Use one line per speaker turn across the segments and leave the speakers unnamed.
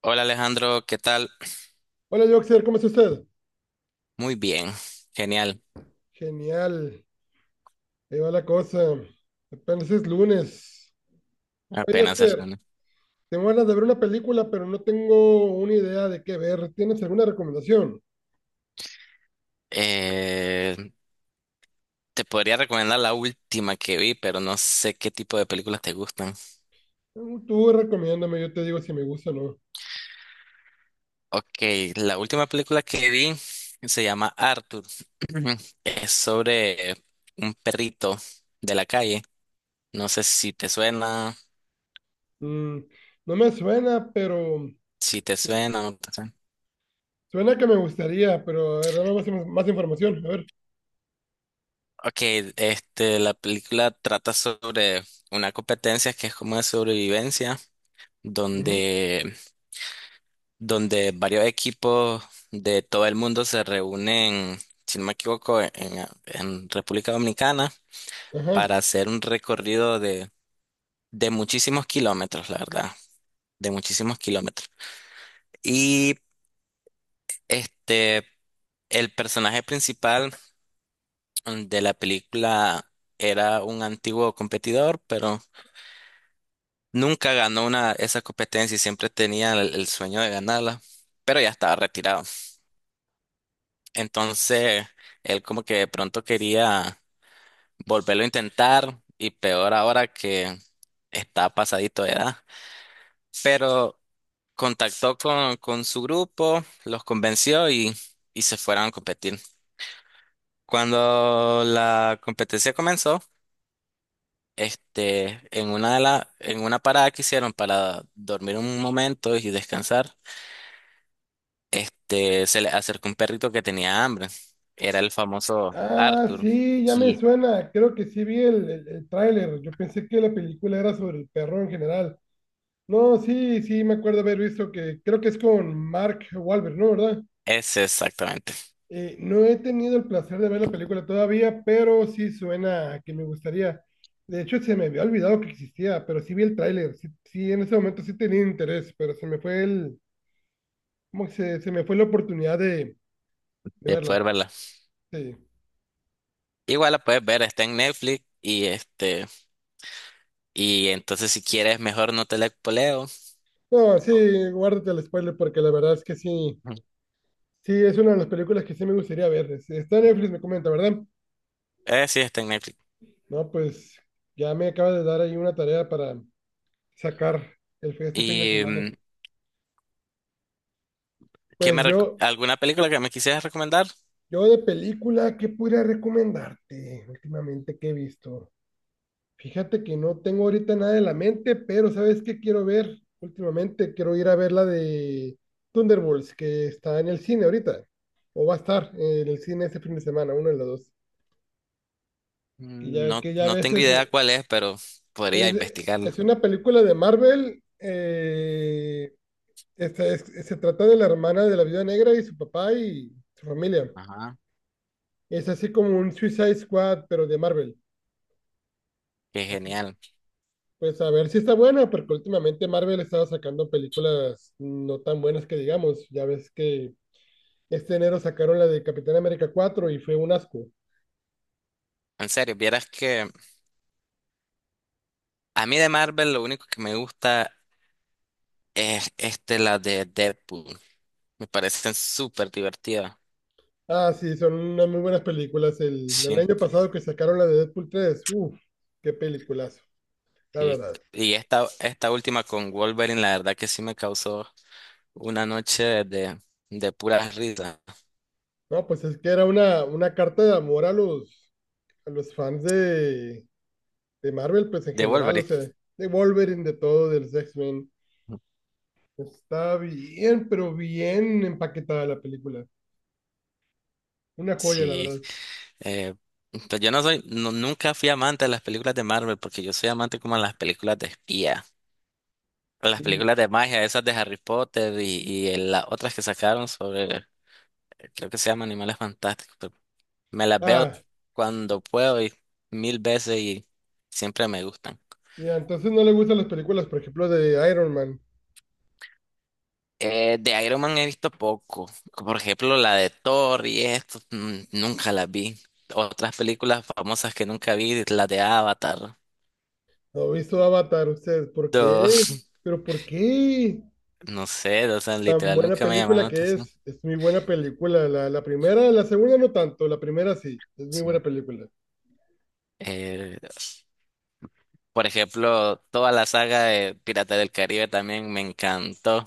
Hola Alejandro, ¿qué tal?
Hola, Joxer, ¿cómo está usted?
Muy bien, genial,
Genial, ahí va la cosa. Apenas es lunes. Oye,
apenas el
Joxer,
lunes.
tengo ganas de ver una película, pero no tengo una idea de qué ver. ¿Tienes alguna recomendación?
Eh, Te podría recomendar la última que vi, pero no sé qué tipo de películas te gustan.
Tú recomiéndame, yo te digo si me gusta o no.
Ok, la última película que vi se llama Arthur. Es sobre un perrito de la calle. No sé si te suena,
Mm, no me suena, pero
si te
su-
suena o no te suena.
suena que me gustaría, pero a ver, dame más, más información, a ver.
Ok, la película trata sobre una competencia que es como de sobrevivencia,
Ujú.
donde donde varios equipos de todo el mundo se reúnen, si no me equivoco, en República Dominicana
Ajá.
para hacer un recorrido de muchísimos kilómetros, la verdad, de muchísimos kilómetros. Y este, el personaje principal de la película era un antiguo competidor, pero nunca ganó una, esa competencia y siempre tenía el sueño de ganarla, pero ya estaba retirado. Entonces, él como que de pronto quería volverlo a intentar y peor ahora que está pasadito de edad. Pero contactó con su grupo, los convenció y se fueron a competir. Cuando la competencia comenzó, en una de en una parada que hicieron para dormir un momento y descansar, se le acercó un perrito que tenía hambre. Era el famoso
Ah,
Arthur.
sí, ya me
Y
suena. Creo que sí vi el tráiler. Yo pensé que la película era sobre el perro en general. No, sí, sí, me acuerdo haber visto que creo que es con Mark Wahlberg, ¿no? ¿Verdad?
ese exactamente,
No he tenido el placer de ver la película todavía, pero sí suena a que me gustaría. De hecho, se me había olvidado que existía, pero sí vi el tráiler. Sí, sí, en ese momento sí tenía interés, pero se me fue el, ¿cómo que se me fue la oportunidad de
de
verla.
poder verla.
Sí.
Igual la puedes ver, está en Netflix y y entonces si quieres mejor no te la poleo.
No, sí, guárdate el spoiler porque la verdad es que sí,
Ujú.
sí, es una de las películas que sí me gustaría ver. Está en Netflix, me comenta, ¿verdad?
Sí, está en Netflix.
No, pues ya me acaba de dar ahí una tarea para sacar el, este fin de
¿Y
semana.
qué
Pues
me
yo,
alguna película que me quisieras recomendar?
yo de película, ¿qué podría recomendarte últimamente que he visto? Fíjate que no tengo ahorita nada en la mente, pero ¿sabes qué quiero ver? Últimamente quiero ir a ver la de Thunderbolts, que está en el cine ahorita, o va a estar en el cine este fin de semana, uno de los dos. Que
Mm,
ya,
no,
que ya a
no tengo
veces
idea cuál es, pero podría
es
investigarla.
una película de Marvel, esta se trata de la hermana de la Viuda Negra y su papá y su familia.
Ajá.
Es así como un Suicide Squad, pero de Marvel.
Qué
Así.
genial.
Pues a ver si está buena, porque últimamente Marvel estaba sacando películas no tan buenas que digamos. Ya ves que este enero sacaron la de Capitán América 4 y fue un asco.
En serio, vieras que a mí de Marvel lo único que me gusta es la de Deadpool. Me parecen súper divertidas.
Ah, sí, son unas muy buenas películas. El
Sí.
año pasado que sacaron la de Deadpool 3 uff, qué peliculazo, la
Sí.
verdad.
Y esta última con Wolverine, la verdad que sí me causó una noche de pura risa.
No, pues es que era una carta de amor a los fans de Marvel, pues en
De
general, o
Wolverine.
sea, de Wolverine, de todo, del X-Men. Está bien, pero bien empaquetada la película. Una joya, la
Sí.
verdad.
eh, pues yo no soy, nunca fui amante de las películas de Marvel, porque yo soy amante como a las películas de espía, a las
Y,
películas de magia, esas de Harry Potter y, las otras que sacaron sobre, creo que se llaman Animales Fantásticos. Pero me las veo
ah,
cuando puedo y mil veces y siempre me gustan.
y entonces no le gustan las películas, por ejemplo, de Iron Man.
De Iron Man he visto poco. Por ejemplo, la de Thor y esto, nunca las vi. Otras películas famosas que nunca vi, la de Avatar.
¿No ha visto Avatar usted? ¿Por
No,
qué? ¿Pero por qué?
no sé, o sea,
Tan
literal
buena
nunca me llamaron
película
la
que
atención.
es. Es muy buena película. La primera, la segunda no tanto. La primera sí. Es muy buena
Sí.
película.
Eh, por ejemplo, toda la saga de Pirata del Caribe también me encantó,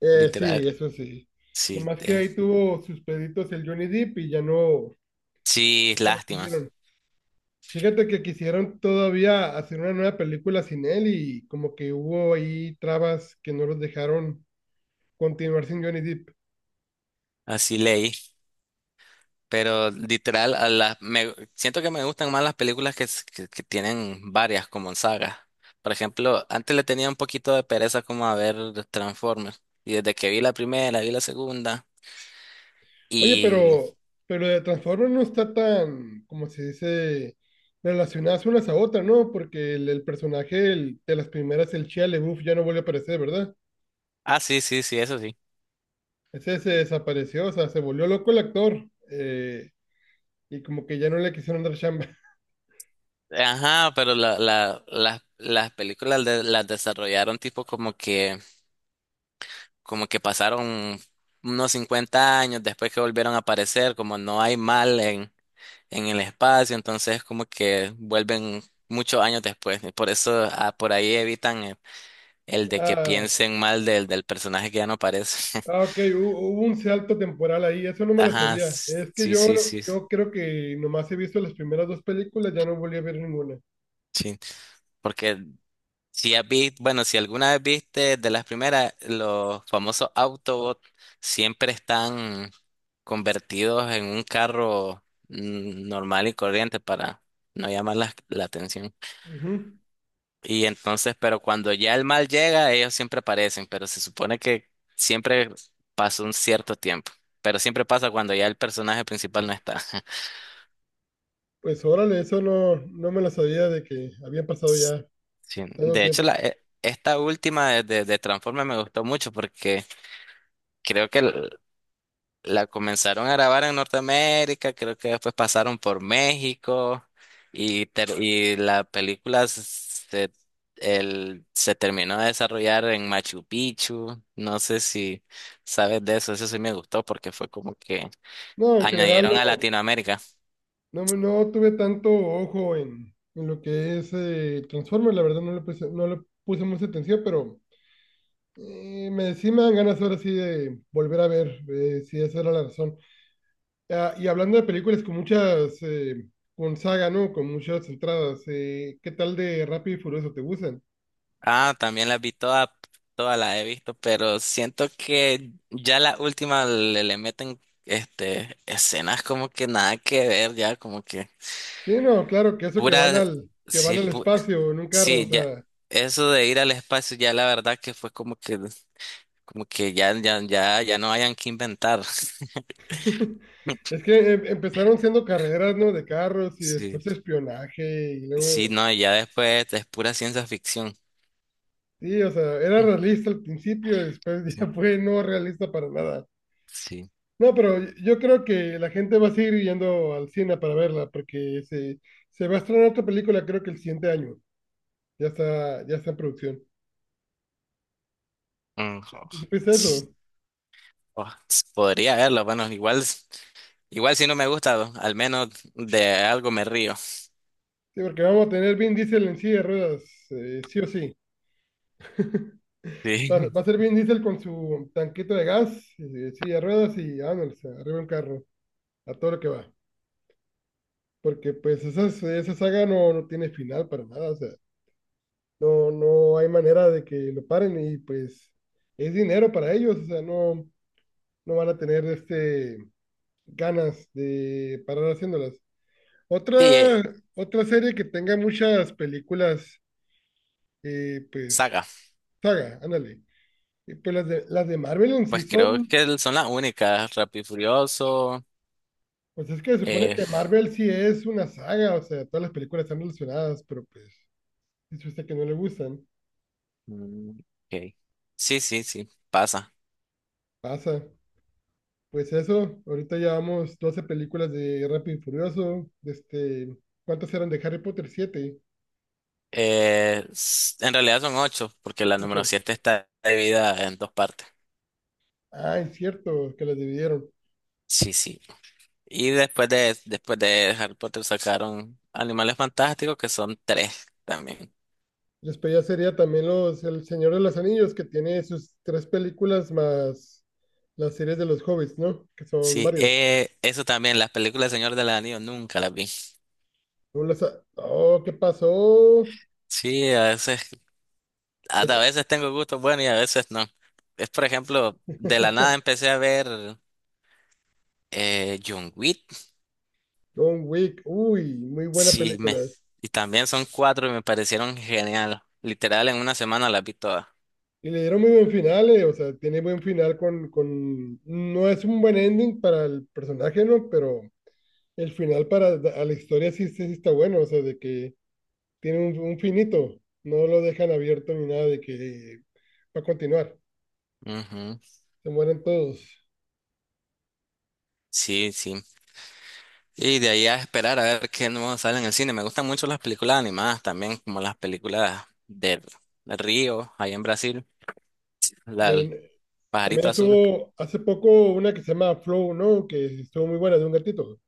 literal.
Sí, eso sí.
Sí,
Nomás que ahí tuvo sus peditos el Johnny Depp y ya no,
sí,
ya no la
lástima.
siguieron. Fíjate que quisieron todavía hacer una nueva película sin él y como que hubo ahí trabas que no los dejaron continuar sin Johnny Depp.
Así leí. Pero literal, siento que me gustan más las películas que, que tienen varias como sagas. Por ejemplo, antes le tenía un poquito de pereza como a ver Transformers. Y desde que vi la primera, vi la segunda.
Oye,
Y...
pero de Transformers no está tan, como se dice, relacionadas unas a otras, ¿no? Porque el personaje de las primeras, el Shia LaBeouf, ya no volvió a aparecer, ¿verdad?
Ah, sí, sí, sí, eso sí.
Ese se desapareció, o sea, se volvió loco el actor y como que ya no le quisieron dar chamba.
Ajá, pero la, las películas las desarrollaron tipo como que pasaron unos 50 años después que volvieron a aparecer, como no hay mal en el espacio, entonces como que vuelven muchos años después. Y por eso por ahí evitan el de que piensen mal del personaje que ya no aparece.
Ah, ok, hubo un salto temporal ahí, eso no me lo
Ajá,
sabía. Es que
sí,
yo,
sí, sí,
yo creo que nomás he visto las primeras dos películas, ya no volví a ver ninguna.
sí. Porque si has visto, bueno, si alguna vez viste de las primeras, los famosos Autobots siempre están convertidos en un carro normal y corriente para no llamar la atención.
Ujú.
Y entonces, pero cuando ya el mal llega, ellos siempre aparecen, pero se supone que siempre pasa un cierto tiempo, pero siempre pasa cuando ya el personaje principal no está.
Pues órale, eso no, no me lo sabía de que había pasado
S-
ya
Sí,
tanto
de hecho,
tiempo.
esta última de Transformers me gustó mucho porque creo que l- la comenzaron a grabar en Norteamérica, creo que después pasaron por México y la película se terminó de desarrollar en Machu Picchu. No sé si sabes de eso, eso sí me gustó porque fue como que
No, en general
añadieron a
no,
Latinoamérica.
no tuve tanto ojo en lo que es Transformers, la verdad no le puse mucha atención, pero sí me dan ganas ahora sí de volver a ver si esa era la razón. Ah, y hablando de películas con muchas, con saga, ¿no? Con muchas entradas, ¿qué tal de Rápido y Furioso? ¿Te gustan?
Ah, también las vi todas, todas las he visto, pero siento que ya la última le meten escenas como que nada que ver, ya como que
Sí, no, claro, que eso que van
pura...
al, que
Sí,
van al espacio en un carro, o
sí, ya,
sea,
eso de ir al espacio ya la verdad que fue como que ya, ya, ya, ya no hayan que inventar.
es que empezaron siendo carreras, ¿no? De carros y
Sí,
después espionaje y
sí,
luego,
no, ya después es pura ciencia ficción.
sí, o sea, era
Mm,
realista al principio, después
sí,
ya fue no realista para nada.
sí.
No, pero yo creo que la gente va a seguir yendo al cine para verla porque se va a estrenar otra película, creo que el siguiente año. ya está en producción.
Mm, jo-
Pues
ts-
eso,
Podría verlo, bueno, igual, igual si no me gusta, al menos de algo me río.
sí, porque vamos a tener Vin Diesel en silla de ruedas, sí o sí. Va,
Sí,
va a ser Vin Diesel con su tanquito de gas, silla de ruedas y vámonos, arriba de un carro, a todo lo que va. Porque pues esa saga no, no tiene final para nada, o sea, no, no hay manera de que lo paren y pues es dinero para ellos, o sea, no, no van a tener ganas de parar haciéndolas.
sí,
Otra, otra serie que tenga muchas películas pues,
saga,
saga, ándale. Y pues las de Marvel en sí
pues creo
son,
que son las únicas, Rápido y Furioso,
pues es que se supone
eh,
que Marvel sí es una saga, o sea, todas las películas están relacionadas, pero pues, si usted que no le gustan,
mm, ok. Sí, sí, sí, pasa.
pasa. Pues eso, ahorita llevamos 12 películas de Rápido y Furioso, ¿cuántas eran de Harry Potter? ¿Siete?
En realidad son 8, porque la número
¿Ocho?
7 está dividida en dos partes.
Ah, es cierto, que las dividieron.
Sí, sí. Y después de Harry Potter sacaron Animales Fantásticos, que son tres también.
Después ya sería también El Señor de los Anillos, que tiene sus tres películas más las series de los Hobbits, ¿no? Que son
Sí,
varios.
eso también, las películas del Señor del Anillo nunca las vi.
No la sa- Oh, ¿qué pasó?
Sí, a veces,
Hay
a
que-
veces tengo gustos buenos y a veces no. Es por ejemplo, de la nada empecé a ver John Wick.
John Wick, uy, muy buena
Sí,
película.
y también son cuatro y me parecieron genial. Literal, en una semana las vi todas.
Y le dieron muy buen final, o sea, tiene buen final No es un buen ending para el personaje, ¿no? Pero el final para a la historia sí, sí, sí está bueno, o sea, de que tiene un finito, no lo dejan abierto ni nada de que va a continuar,
Ujú.
se mueren todos.
Sí, sí. Y de ahí a esperar a ver qué nuevo sale en el cine. Me gustan mucho las películas animadas también, como las películas del Río, ahí en Brasil, la del
En- También
Pajarito Azul.
estuvo hace poco una que se llama Flow, ¿no? Que estuvo muy buena, de un gatito.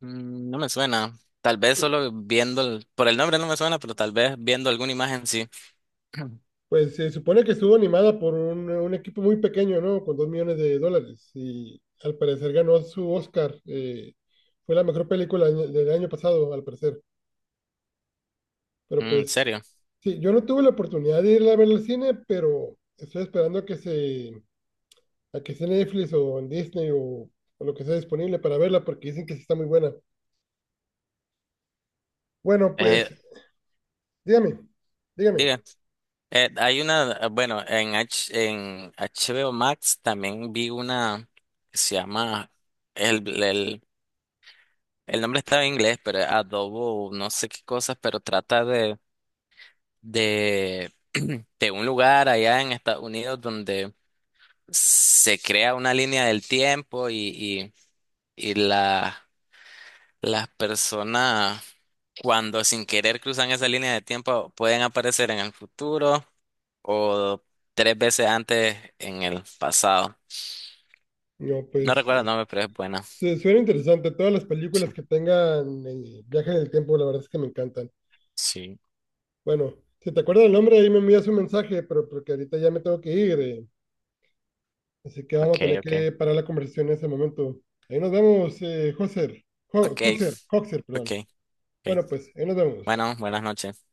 Mm, no me suena. Tal vez solo viendo, por el nombre no me suena, pero tal vez viendo alguna imagen sí.
Pues se supone que estuvo animada por un equipo muy pequeño, ¿no? Con 2 millones de dólares. Y al parecer ganó su Oscar. Fue la mejor película del año pasado, al parecer. Pero
Mm, en
pues,
serio.
sí, yo no tuve la oportunidad de irla a ver al cine, pero estoy esperando a a que esté en Netflix o en Disney o lo que sea disponible para verla, porque dicen que sí está muy buena. Bueno,
Eh,
pues, dígame, dígame.
diga, hay una, bueno, en HBO Max también vi una que se llama el el el nombre estaba en inglés, pero es Adobo, no sé qué cosas, pero trata de, de, de un lugar allá en Estados Unidos donde se crea una línea del tiempo y, y, y la, las personas cuando sin querer cruzan esa línea de tiempo pueden aparecer en el futuro o tres veces antes en el pasado.
No,
No
pues,
recuerdo el nombre, pero es buena.
se suena interesante. Todas las
Sí,
películas que tengan viaje en el tiempo, la verdad es que me encantan.
sí,
Bueno, si te acuerdas el nombre, ahí me envías un mensaje, pero porque ahorita ya me tengo que ir, así que vamos
ok,
a tener
ok.
que parar la conversación en ese momento. Ahí nos vemos, Joser,
Ok,
Coxer, Coxer,
ok,
perdón.
ok.
Bueno, pues, ahí nos vemos.
Bueno, buenas noches.